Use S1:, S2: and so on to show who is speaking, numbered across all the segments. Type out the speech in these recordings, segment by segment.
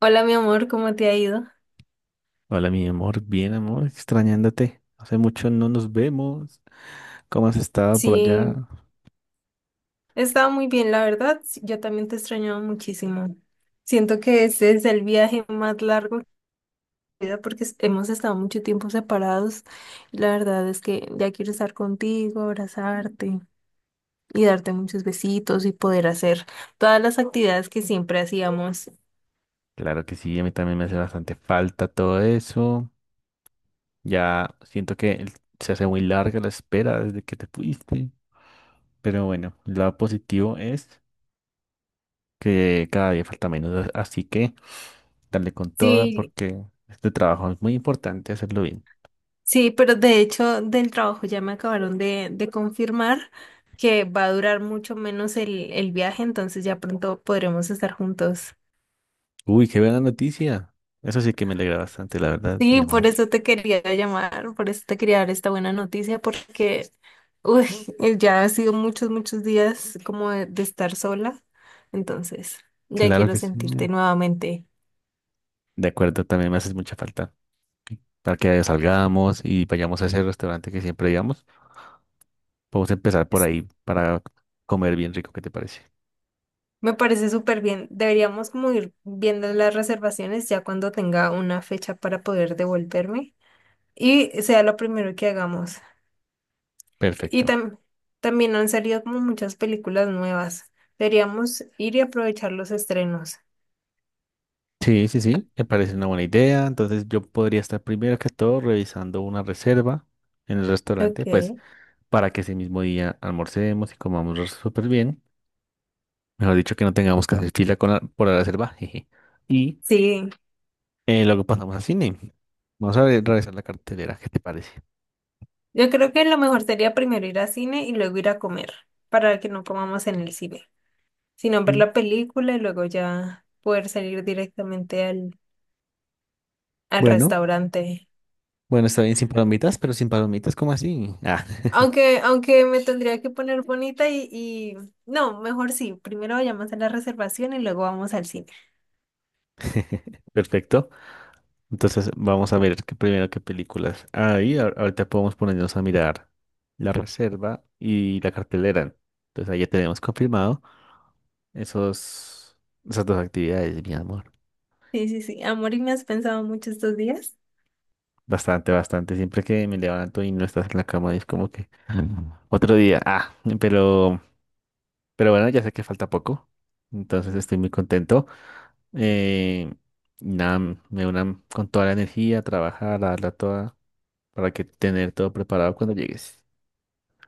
S1: Hola, mi amor, ¿cómo te ha ido?
S2: Hola, mi amor, bien, amor, extrañándote. Hace mucho no nos vemos. ¿Cómo has estado por
S1: Sí,
S2: allá?
S1: he estado muy bien, la verdad. Sí, yo también te extrañaba muchísimo. Siento que este es el viaje más largo de mi vida porque hemos estado mucho tiempo separados. La verdad es que ya quiero estar contigo, abrazarte y darte muchos besitos y poder hacer todas las actividades que siempre hacíamos.
S2: Claro que sí, a mí también me hace bastante falta todo eso. Ya siento que se hace muy larga la espera desde que te fuiste. Pero bueno, lo positivo es que cada día falta menos, así que dale con toda
S1: Sí,
S2: porque este trabajo es muy importante hacerlo bien.
S1: sí, pero de hecho del trabajo ya me acabaron de confirmar que va a durar mucho menos el viaje, entonces ya pronto podremos estar juntos.
S2: Uy, qué buena noticia. Eso sí que me alegra bastante, la verdad, mi
S1: Sí,
S2: amor.
S1: por eso te quería llamar, por eso te quería dar esta buena noticia, porque uy, ya ha sido muchos, muchos días como de estar sola, entonces ya
S2: Claro
S1: quiero
S2: que sí.
S1: sentirte nuevamente.
S2: De acuerdo, también me haces mucha falta. Para que salgamos y vayamos a ese restaurante que siempre íbamos. Podemos empezar por
S1: Es-
S2: ahí para comer bien rico, ¿qué te parece?
S1: Me parece súper bien. Deberíamos como ir viendo las reservaciones ya cuando tenga una fecha para poder devolverme, y sea lo primero que hagamos. Y
S2: Perfecto.
S1: tam- También han salido como muchas películas nuevas. Deberíamos ir y aprovechar los estrenos.
S2: Sí, sí, sí, me parece una buena idea. Entonces yo podría estar primero que todo revisando una reserva en el restaurante, pues
S1: Ok.
S2: para que ese mismo día almorcemos y comamos súper bien. Mejor dicho, que no tengamos que hacer fila con por la reserva. jeje. Y
S1: Sí,
S2: luego pasamos al cine. Vamos a revisar la cartelera, ¿qué te parece?
S1: yo creo que lo mejor sería primero ir al cine y luego ir a comer, para que no comamos en el cine, sino ver
S2: Mm.
S1: la película y luego ya poder salir directamente al
S2: Bueno.
S1: restaurante.
S2: Bueno, está bien sin palomitas, pero sin palomitas, ¿cómo así? Ah,
S1: Aunque me tendría que poner bonita y no, mejor sí, primero vayamos a la reservación y luego vamos al cine.
S2: perfecto. Entonces vamos a ver qué primero qué películas. Ahí ahorita podemos ponernos a mirar la reserva y la cartelera. Entonces ahí ya tenemos confirmado esos, esas dos actividades, mi amor.
S1: Sí, sí, sí. Amor, ¿y me has pensado mucho estos días?
S2: Bastante, bastante. Siempre que me levanto y no estás en la cama, es como que "Mm, otro día. Ah, pero, pero bueno, ya sé que falta poco. Entonces estoy muy contento. Eh, nada, me unan con toda la energía, trabajar, a darla toda, para que tener todo preparado cuando llegues.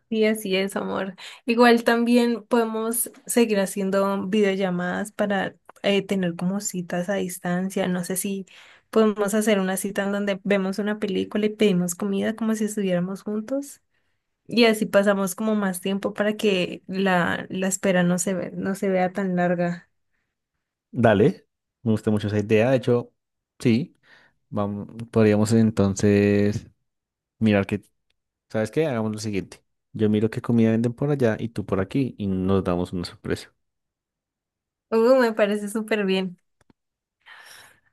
S1: Sí, así es, amor. Igual también podemos seguir haciendo videollamadas para tener como citas a distancia. No sé si podemos hacer una cita en donde vemos una película y pedimos comida como si estuviéramos juntos. Y así pasamos como más tiempo para que la espera no se vea tan larga.
S2: Dale, me gusta mucho esa idea. De hecho, sí, vamos, podríamos entonces mirar que, ¿sabes qué? Hagamos lo siguiente. Yo miro qué comida venden por allá y tú por aquí y nos damos una sorpresa.
S1: Me parece súper bien.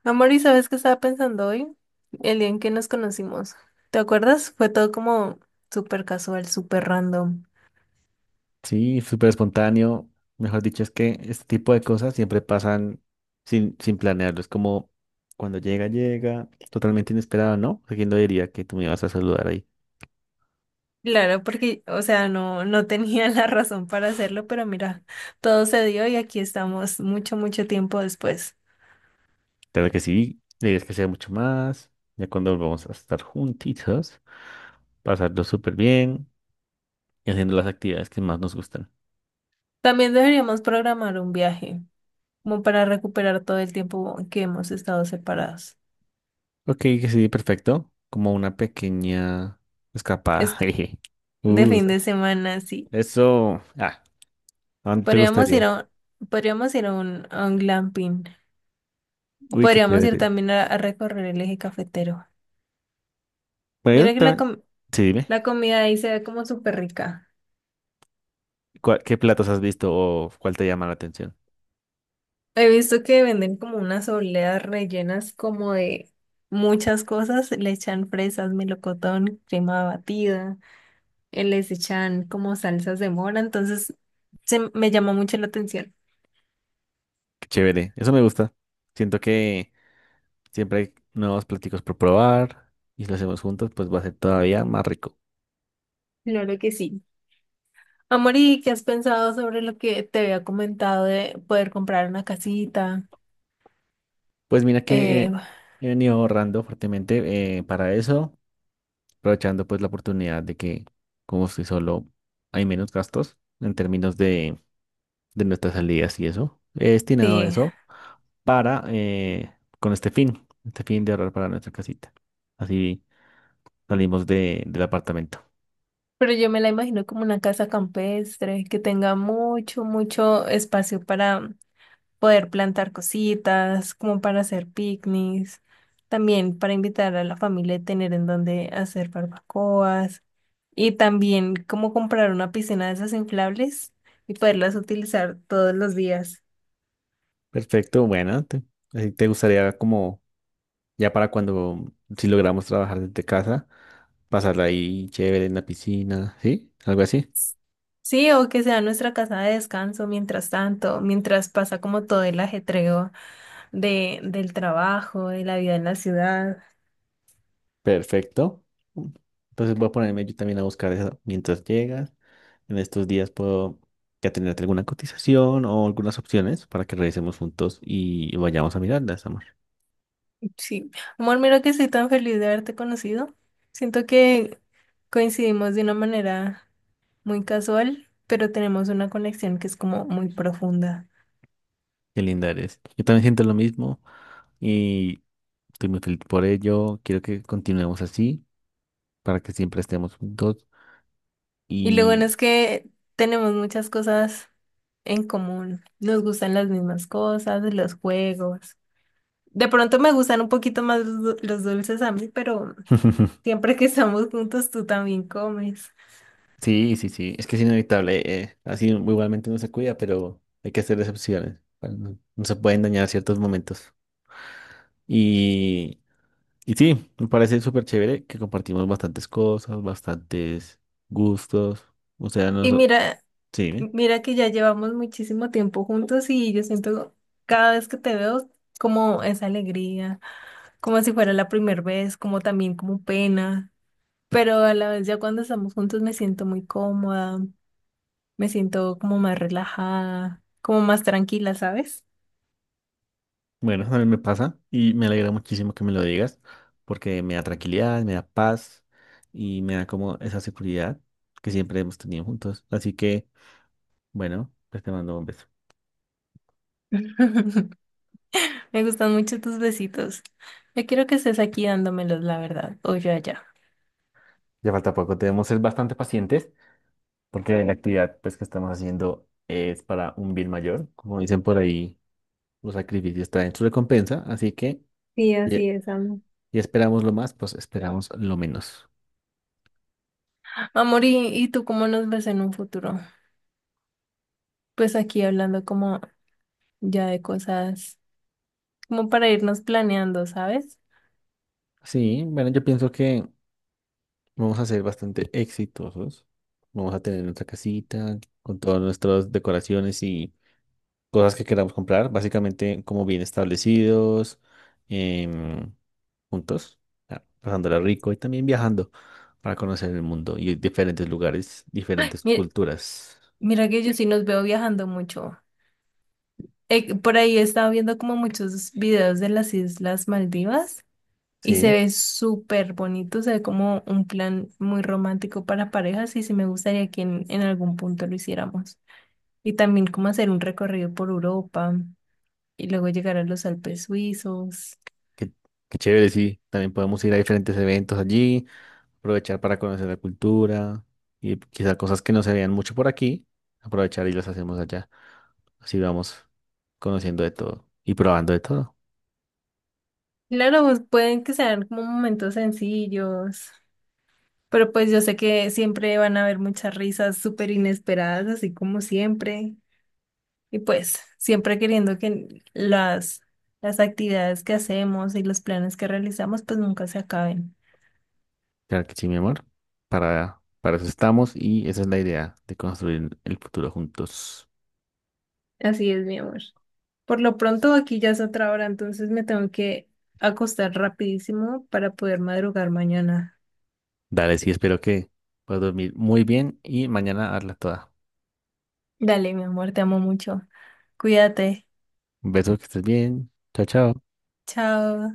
S1: Amor, ¿y sabes qué estaba pensando hoy? El día en que nos conocimos. ¿Te acuerdas? Fue todo como súper casual, súper random.
S2: Sí, súper espontáneo. Mejor dicho, es que este tipo de cosas siempre pasan sin planearlo. Es como cuando llega, llega, totalmente inesperado, ¿no? ¿A ¿Quién lo diría que tú me ibas a saludar ahí?
S1: Claro, porque, o sea, no tenía la razón para hacerlo, pero mira, todo se dio y aquí estamos mucho, mucho tiempo después.
S2: Claro que sí, debes que sea mucho más. Ya cuando volvamos a estar juntitos, pasarlo súper bien y haciendo las actividades que más nos gustan.
S1: También deberíamos programar un viaje, como para recuperar todo el tiempo que hemos estado separados.
S2: Ok, que sí, perfecto. Como una pequeña escapada.
S1: Es que
S2: Jeje.
S1: de
S2: Uh,
S1: fin de semana, sí.
S2: eso. Ah, ¿a dónde te
S1: Podríamos ir
S2: gustaría?
S1: a, podríamos ir a a un glamping. O
S2: Uy, qué
S1: podríamos ir
S2: chévere.
S1: también a recorrer el eje cafetero.
S2: Bueno, yo
S1: Mira que
S2: también. Sí, dime.
S1: la comida ahí se ve como súper rica.
S2: ¿Qué platos has visto o cuál te llama la atención?
S1: He visto que venden como unas obleas rellenas como de muchas cosas. Le echan fresas, melocotón, crema batida, les echan como salsas de mora. Entonces, me llamó mucho la atención.
S2: Qué chévere, eso me gusta. Siento que siempre hay nuevos platicos por probar y si lo hacemos juntos, pues va a ser todavía más rico.
S1: Claro que sí. Amor, ¿y qué has pensado sobre lo que te había comentado de poder comprar una casita?
S2: Pues mira que
S1: Eh,
S2: he venido ahorrando fuertemente para eso, aprovechando pues la oportunidad de que como estoy solo hay menos gastos en términos de nuestras salidas y eso. He destinado
S1: sí,
S2: eso para con este fin de ahorrar para nuestra casita. Así salimos del apartamento.
S1: pero yo me la imagino como una casa campestre que tenga mucho, mucho espacio para poder plantar cositas, como para hacer picnics, también para invitar a la familia y tener en donde hacer barbacoas, y también como comprar una piscina de esas inflables y poderlas utilizar todos los días.
S2: Perfecto, bueno, te, así te gustaría como ya para cuando si logramos trabajar desde casa, pasarla ahí chévere en la piscina, ¿sí? Algo así.
S1: Sí, o que sea nuestra casa de descanso mientras tanto, mientras pasa como todo el ajetreo del trabajo, de la vida en la ciudad.
S2: Perfecto. Entonces voy a ponerme yo también a buscar eso mientras llegas. En estos días puedo ya tenerte alguna cotización o algunas opciones para que revisemos juntos y vayamos a mirarlas, amor.
S1: Sí, amor, mira que estoy tan feliz de haberte conocido. Siento que coincidimos de una manera muy casual, pero tenemos una conexión que es como muy profunda.
S2: Qué linda eres. Yo también siento lo mismo y estoy muy feliz por ello. Quiero que continuemos así para que siempre estemos juntos.
S1: Y lo bueno es que tenemos muchas cosas en común. Nos gustan las mismas cosas, los juegos. De pronto me gustan un poquito más los dulces a mí, pero siempre que estamos juntos tú también comes.
S2: Sí, sí, sí. Es que es inevitable. Así igualmente uno se cuida, pero hay que hacer excepciones. Para no, no se pueden dañar ciertos momentos. Y, y sí, me parece súper chévere que compartimos bastantes cosas, bastantes gustos. O sea,
S1: Y
S2: nosotros...
S1: mira,
S2: Sí, ¿eh?
S1: mira que ya llevamos muchísimo tiempo juntos y yo siento cada vez que te veo como esa alegría, como si fuera la primera vez, como también como pena. Pero a la vez ya cuando estamos juntos me siento muy cómoda, me siento como más relajada, como más tranquila, ¿sabes?
S2: Bueno, a mí me pasa y me alegra muchísimo que me lo digas porque me da tranquilidad, me da paz y me da como esa seguridad que siempre hemos tenido juntos. Así que, bueno, pues te mando un beso.
S1: Me gustan mucho tus besitos. Yo quiero que estés aquí dándomelos, la verdad, o yo allá.
S2: Ya falta poco, debemos ser bastante pacientes porque la actividad pues, que estamos haciendo es para un bien mayor. Como dicen por ahí, los sacrificios traen su recompensa, así que
S1: Sí,
S2: y,
S1: así es,
S2: y
S1: amor.
S2: esperamos lo más, pues esperamos lo menos.
S1: Amor, ¿ y tú cómo nos ves en un futuro? Pues aquí hablando como ya de cosas, como para irnos planeando, ¿sabes?
S2: Sí, bueno, yo pienso que vamos a ser bastante exitosos. Vamos a tener nuestra casita con todas nuestras decoraciones y cosas que queramos comprar, básicamente como bien establecidos, em, juntos, ah, pasándola rico y también viajando para conocer el mundo y diferentes lugares, diferentes
S1: Mira,
S2: culturas.
S1: mira que yo sí nos veo viajando mucho. Por ahí he estado viendo como muchos videos de las Islas Maldivas. Y se
S2: Sí,
S1: ve súper bonito, se ve como un plan muy romántico para parejas y sí me gustaría que en algún punto lo hiciéramos. Y también como hacer un recorrido por Europa y luego llegar a los Alpes suizos.
S2: qué, qué chévere, sí. También podemos ir a diferentes eventos allí, aprovechar para conocer la cultura y quizá cosas que no se vean mucho por aquí, aprovechar y las hacemos allá. Así vamos conociendo de todo y probando de todo.
S1: Claro, pues, pueden que sean como momentos sencillos, pero pues yo sé que siempre van a haber muchas risas súper inesperadas, así como siempre. Y pues siempre queriendo que las actividades que hacemos y los planes que realizamos pues nunca se acaben.
S2: Claro que sí, mi amor. Para eso estamos y esa es la idea de construir el futuro juntos.
S1: Así es, mi amor. Por lo pronto aquí ya es otra hora, entonces me tengo que acostar rapidísimo para poder madrugar mañana.
S2: Dale, sí, espero que puedas dormir muy bien y mañana hazla toda.
S1: Dale, mi amor, te amo mucho. Cuídate.
S2: Un beso, que estés bien. Chao, chao.
S1: Chao.